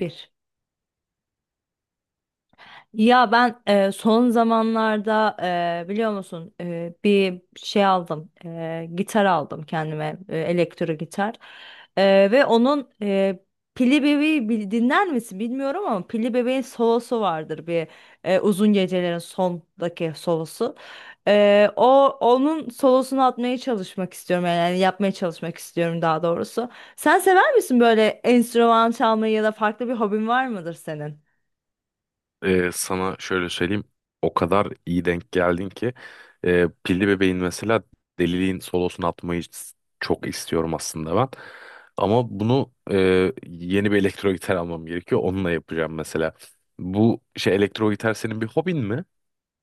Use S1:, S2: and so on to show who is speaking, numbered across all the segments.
S1: Bir. Ya ben son zamanlarda biliyor musun bir şey aldım, gitar aldım kendime, elektro gitar. Ve onun dinler misin bilmiyorum ama Pilli Bebeğin solosu vardır bir, Uzun Gecelerin sondaki solosu. O onun solosunu atmaya çalışmak istiyorum, yani yapmaya çalışmak istiyorum daha doğrusu. Sen sever misin böyle enstrüman çalmayı, ya da farklı bir hobin var mıdır senin?
S2: Sana şöyle söyleyeyim. O kadar iyi denk geldin ki Pilli Bebeğin mesela Deliliğin solosunu atmayı çok istiyorum aslında ben. Ama bunu yeni bir elektro gitar almam gerekiyor. Onunla yapacağım mesela. Bu şey elektro gitar senin bir hobin mi?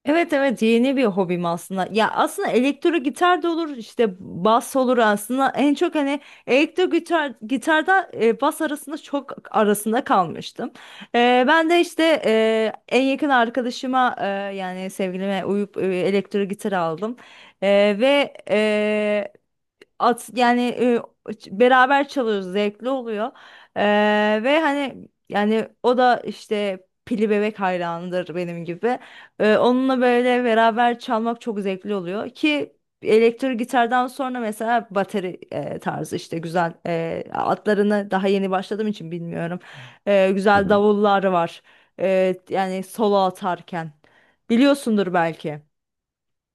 S1: Evet, evet, yeni bir hobim aslında. Ya aslında elektro gitar da olur işte, bas olur aslında. En çok hani elektro gitar gitarda bas arasında, çok arasında kalmıştım. Ben de işte en yakın arkadaşıma, yani sevgilime uyup elektro gitar aldım. Ve yani beraber çalıyoruz, zevkli oluyor. E, Ve hani yani o da işte Pili Bebek hayranıdır benim gibi. Onunla böyle beraber çalmak çok zevkli oluyor ki elektro gitardan sonra mesela bateri, tarzı işte güzel, atlarını daha yeni başladığım için bilmiyorum.
S2: Hı
S1: Güzel
S2: hı.
S1: davullar var. Yani solo atarken biliyorsundur belki.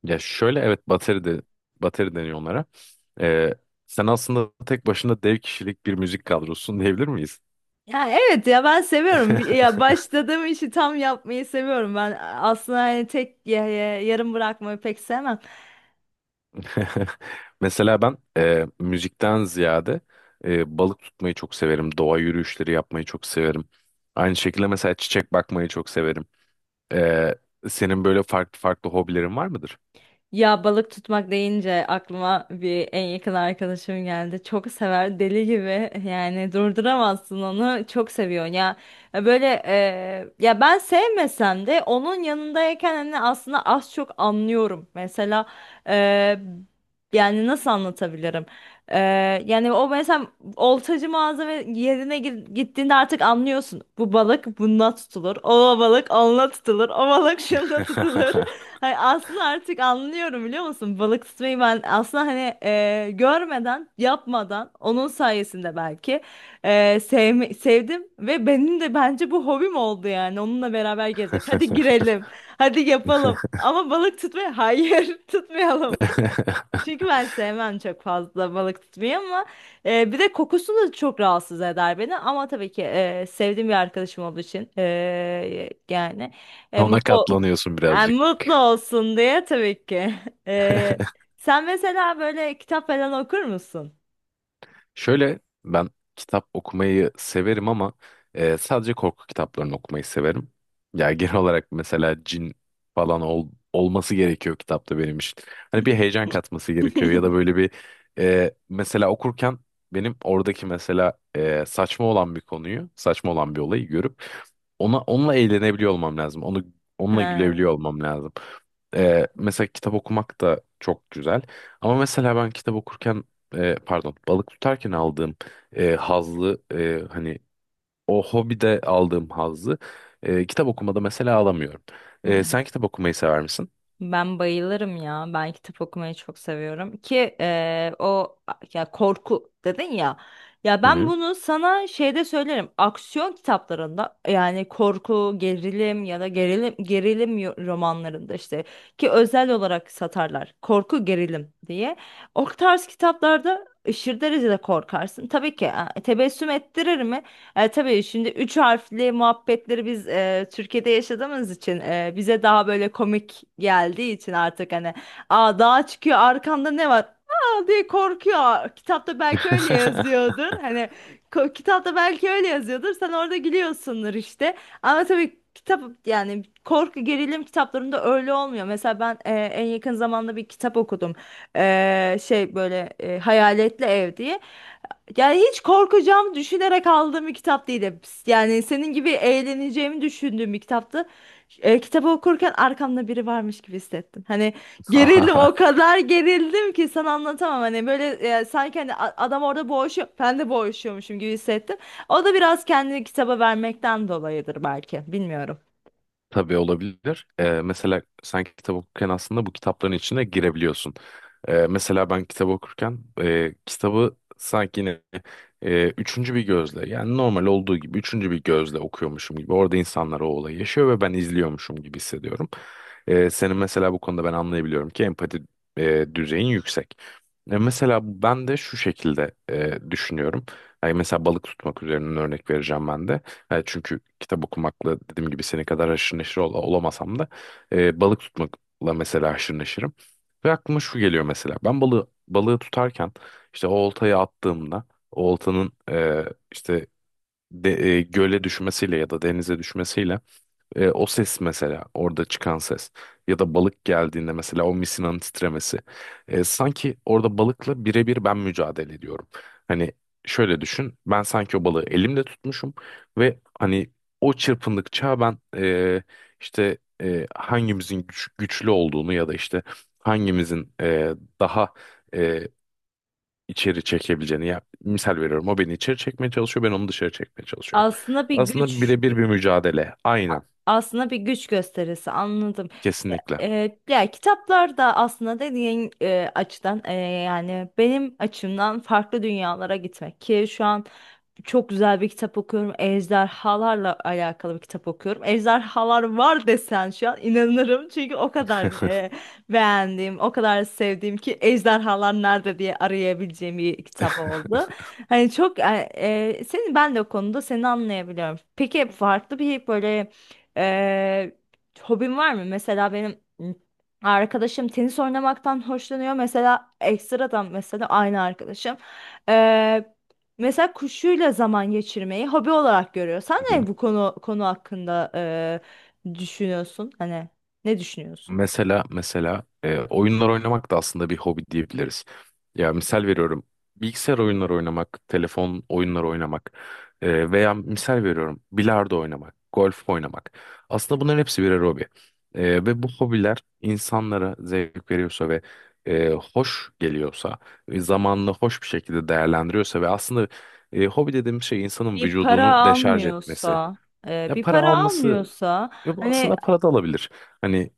S2: Ya şöyle, evet, bateri de bateri deniyor onlara. Ee, Sen aslında tek başına dev kişilik bir müzik kadrosun diyebilir miyiz?
S1: Ya, evet, ya ben seviyorum. Ya başladığım işi tam yapmayı seviyorum. Ben aslında hani tek yarım bırakmayı pek sevmem.
S2: Mesela ben müzikten ziyade balık tutmayı çok severim. Doğa yürüyüşleri yapmayı çok severim. Aynı şekilde mesela çiçek bakmayı çok severim. E, Senin böyle farklı farklı hobilerin var mıdır?
S1: Ya balık tutmak deyince aklıma bir en yakın arkadaşım geldi. Çok sever, deli gibi, yani durduramazsın onu, çok seviyor ya böyle. Ya ben sevmesem de onun yanındayken hani aslında az çok anlıyorum. Mesela e, yani nasıl anlatabilirim? E, Yani o mesela oltacı mağaza ve yerine gittiğinde artık anlıyorsun. Bu balık bununla tutulur. O balık onunla tutulur. O balık şununla tutulur. Hay aslında artık anlıyorum, biliyor musun? Balık tutmayı ben aslında hani, görmeden, yapmadan, onun sayesinde belki e, sevdim, ve benim de bence bu hobim oldu, yani onunla beraber gezmek. Hadi girelim, hadi yapalım. Ama balık tutmayı, hayır, tutmayalım. Çünkü ben sevmem çok fazla balık tutmayı, ama bir de kokusu da çok rahatsız eder beni. Ama tabii ki sevdiğim bir arkadaşım olduğu için, yani e,
S2: Ona
S1: mutlu
S2: katlanıyorsun birazcık.
S1: mutlu olsun diye, tabii ki. Sen mesela böyle kitap falan okur musun?
S2: Şöyle, ben kitap okumayı severim ama sadece korku kitaplarını okumayı severim. Ya genel olarak mesela cin falan olması gerekiyor kitapta benim için. Hani bir heyecan katması gerekiyor ya da böyle bir, mesela okurken benim oradaki mesela saçma olan bir konuyu, saçma olan bir olayı görüp ona onunla eğlenebiliyor olmam lazım. Onu onunla
S1: Ha.
S2: gülebiliyor olmam lazım. Mesela kitap okumak da çok güzel. Ama mesela ben kitap okurken pardon, balık tutarken aldığım hazzı, hani o hobide aldığım hazzı, kitap okumada mesela alamıyorum.
S1: Hı.
S2: Sen kitap okumayı sever misin?
S1: Ben bayılırım ya. Ben kitap okumayı çok seviyorum ki, o, ya korku dedin ya. Ya
S2: Hı
S1: ben
S2: hı.
S1: bunu sana şeyde söylerim. Aksiyon kitaplarında yani korku, gerilim, ya da gerilim gerilim romanlarında işte, ki özel olarak satarlar. Korku, gerilim diye. O tarz kitaplarda aşırı derecede korkarsın. Tabii ki tebessüm ettirir mi? Tabii şimdi üç harfli muhabbetleri biz Türkiye'de yaşadığımız için, bize daha böyle komik geldiği için, artık hani, aa, dağa çıkıyor, arkanda ne var? Aa, diye korkuyor. Kitapta belki öyle yazıyordur. Hani kitapta belki öyle yazıyordur. Sen orada gülüyorsundur işte. Ama tabii kitap, yani korku gerilim kitaplarında öyle olmuyor. Mesela ben en yakın zamanda bir kitap okudum. Şey böyle, Hayaletli Ev diye. Yani hiç korkacağım düşünerek aldığım bir kitap değildi. Yani senin gibi eğleneceğimi düşündüğüm bir kitaptı. Kitabı okurken arkamda biri varmış gibi hissettim. Hani gerildim,
S2: Aha.
S1: o kadar gerildim ki sana anlatamam. Hani böyle sanki hani adam orada boğuşuyor. Ben de boğuşuyormuşum gibi hissettim. O da biraz kendini kitaba vermekten dolayıdır belki. Bilmiyorum.
S2: Tabii olabilir. Mesela sen kitap okurken aslında bu kitapların içine girebiliyorsun. Mesela ben kitap okurken kitabı sanki yine üçüncü bir gözle, yani normal olduğu gibi üçüncü bir gözle okuyormuşum gibi orada insanlar o olayı yaşıyor ve ben izliyormuşum gibi hissediyorum. Senin mesela bu konuda ben anlayabiliyorum ki empati düzeyin yüksek. Mesela ben de şu şekilde düşünüyorum. Yani mesela balık tutmak üzerinden örnek vereceğim ben de. Çünkü kitap okumakla dediğim gibi senin kadar haşır neşir olamasam da balık tutmakla mesela haşır neşirim. Ve aklıma şu geliyor mesela. Ben balığı tutarken işte o oltayı attığımda o oltanın, işte, göle düşmesiyle ya da denize düşmesiyle, o ses mesela orada çıkan ses ya da balık geldiğinde mesela o misinanın titremesi. Sanki orada balıkla birebir ben mücadele ediyorum. Hani şöyle düşün, ben sanki o balığı elimle tutmuşum ve hani o çırpındıkça ben işte hangimizin güçlü olduğunu ya da işte hangimizin daha e, içeri çekebileceğini, ya misal veriyorum, o beni içeri çekmeye çalışıyor, ben onu dışarı çekmeye çalışıyorum.
S1: Aslında bir
S2: Aslında
S1: güç
S2: birebir bir mücadele,
S1: A-
S2: aynen,
S1: Aslında bir güç gösterisi, anladım. Ya,
S2: kesinlikle.
S1: ya kitaplar da aslında dediğin açıdan, yani benim açımdan farklı dünyalara gitmek ki şu an çok güzel bir kitap okuyorum. Ejderhalarla alakalı bir kitap okuyorum. Ejderhalar var desen şu an inanırım, çünkü o kadar beğendiğim, o kadar sevdiğim ki, ejderhalar nerede diye arayabileceğim bir kitap oldu. Hani çok, ben de o konuda seni anlayabiliyorum. Peki, farklı bir böyle ee, hobin var mı? Mesela benim arkadaşım tenis oynamaktan hoşlanıyor. Mesela ekstradan, mesela aynı arkadaşım. Ee, Mesela kuşuyla zaman geçirmeyi hobi olarak görüyor. Sen
S2: Hı hı.
S1: ne, bu konu hakkında düşünüyorsun? Hani ne düşünüyorsun?
S2: Mesela oyunlar oynamak da aslında bir hobi diyebiliriz. Ya misal veriyorum, bilgisayar oyunları oynamak, telefon oyunları oynamak, veya misal veriyorum, bilardo oynamak, golf oynamak. Aslında bunların hepsi birer hobi. Ve bu hobiler insanlara zevk veriyorsa ve hoş geliyorsa, zamanını hoş bir şekilde değerlendiriyorsa ve aslında hobi dediğimiz şey insanın
S1: Bir para
S2: vücudunu deşarj etmesi.
S1: almıyorsa,
S2: Ya,
S1: bir
S2: para
S1: para
S2: alması...
S1: almıyorsa,
S2: Yo, bu
S1: hani.
S2: aslında para da alabilir. Hani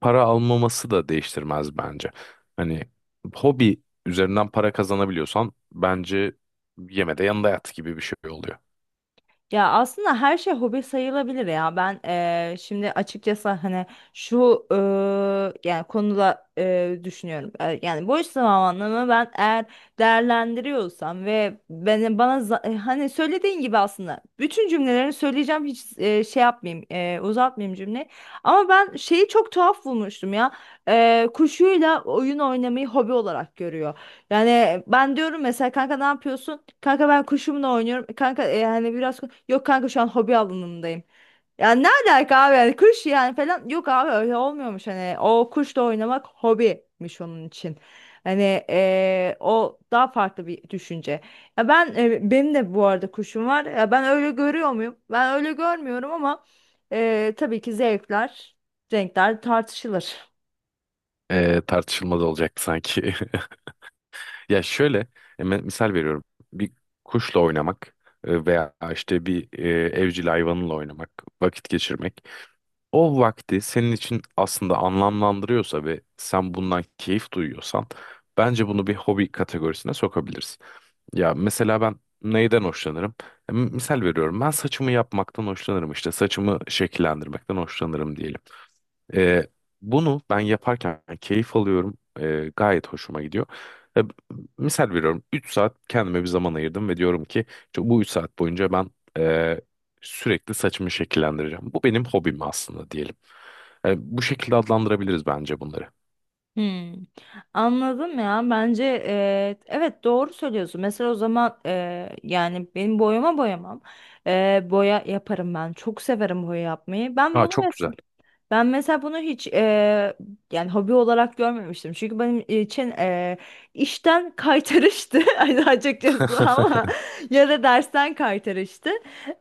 S2: para almaması da değiştirmez bence. Hani hobi üzerinden para kazanabiliyorsan bence yeme de yanında yat gibi bir şey oluyor.
S1: Ya aslında her şey hobi sayılabilir ya. Ben şimdi açıkçası hani şu yani konuda düşünüyorum. Yani boş zamanımı ben eğer değerlendiriyorsam ve beni bana hani söylediğin gibi, aslında bütün cümlelerini söyleyeceğim, hiç şey yapmayayım, uzatmayayım cümleyi. Ama ben şeyi çok tuhaf bulmuştum ya. Kuşuyla oyun oynamayı hobi olarak görüyor. Yani ben diyorum mesela, kanka ne yapıyorsun? Kanka ben kuşumla oynuyorum. Kanka yani biraz yok, kanka şu an hobi alanındayım. Ya ne alaka abi, yani kuş yani falan, yok abi, öyle olmuyormuş, hani o kuşla oynamak hobiymiş onun için. Hani o daha farklı bir düşünce. Ya ben, benim de bu arada kuşum var. Ya ben öyle görüyor muyum? Ben öyle görmüyorum ama, tabii ki zevkler, renkler tartışılır.
S2: Tartışılmaz olacaktı sanki. Ya şöyle, misal veriyorum. Bir kuşla oynamak veya işte bir, evcil hayvanla oynamak, vakit geçirmek. O vakti senin için aslında anlamlandırıyorsa ve sen bundan keyif duyuyorsan bence bunu bir hobi kategorisine sokabilirsin. Ya mesela ben neyden hoşlanırım? Misal veriyorum, ben saçımı yapmaktan hoşlanırım, işte saçımı şekillendirmekten hoşlanırım diyelim. E, Bunu ben yaparken keyif alıyorum, gayet hoşuma gidiyor. E, Misal veriyorum, 3 saat kendime bir zaman ayırdım ve diyorum ki işte bu 3 saat boyunca ben e, sürekli saçımı şekillendireceğim. Bu benim hobim aslında diyelim. Bu şekilde adlandırabiliriz bence bunları.
S1: Hmm, anladım ya, bence evet, doğru söylüyorsun, mesela o zaman, yani benim boyamam. Boya yaparım, ben çok severim boya yapmayı.
S2: Aa, çok güzel.
S1: Ben mesela bunu hiç yani hobi olarak görmemiştim. Çünkü benim için işten kaytarıştı, hani açıkçası, ama ya da dersten kaytarıştı.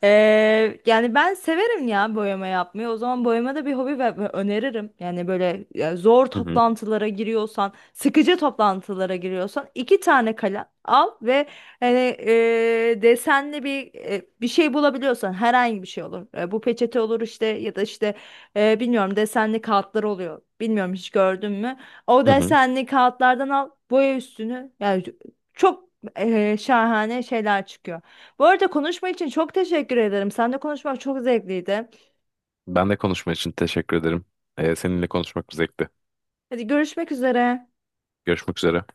S1: Yani ben severim ya boyama yapmayı. O zaman boyama da bir hobi, ve öneririm. Yani böyle, ya zor
S2: Hı hı.
S1: toplantılara giriyorsan, sıkıcı toplantılara giriyorsan, iki tane kalem al ve hani, desenli bir, bir şey bulabiliyorsan, herhangi bir şey olur. Bu peçete olur işte, ya da işte bilmiyorum, desenli kağıtlar oluyor. Bilmiyorum, hiç gördün mü? O
S2: Hı hı.
S1: desenli kağıtlardan al, boya üstünü. Yani çok şahane şeyler çıkıyor. Bu arada konuşma için çok teşekkür ederim. Seninle konuşmak çok zevkliydi.
S2: Ben de konuşma için teşekkür ederim. Seninle konuşmak bir zevkti.
S1: Hadi, görüşmek üzere.
S2: Görüşmek üzere.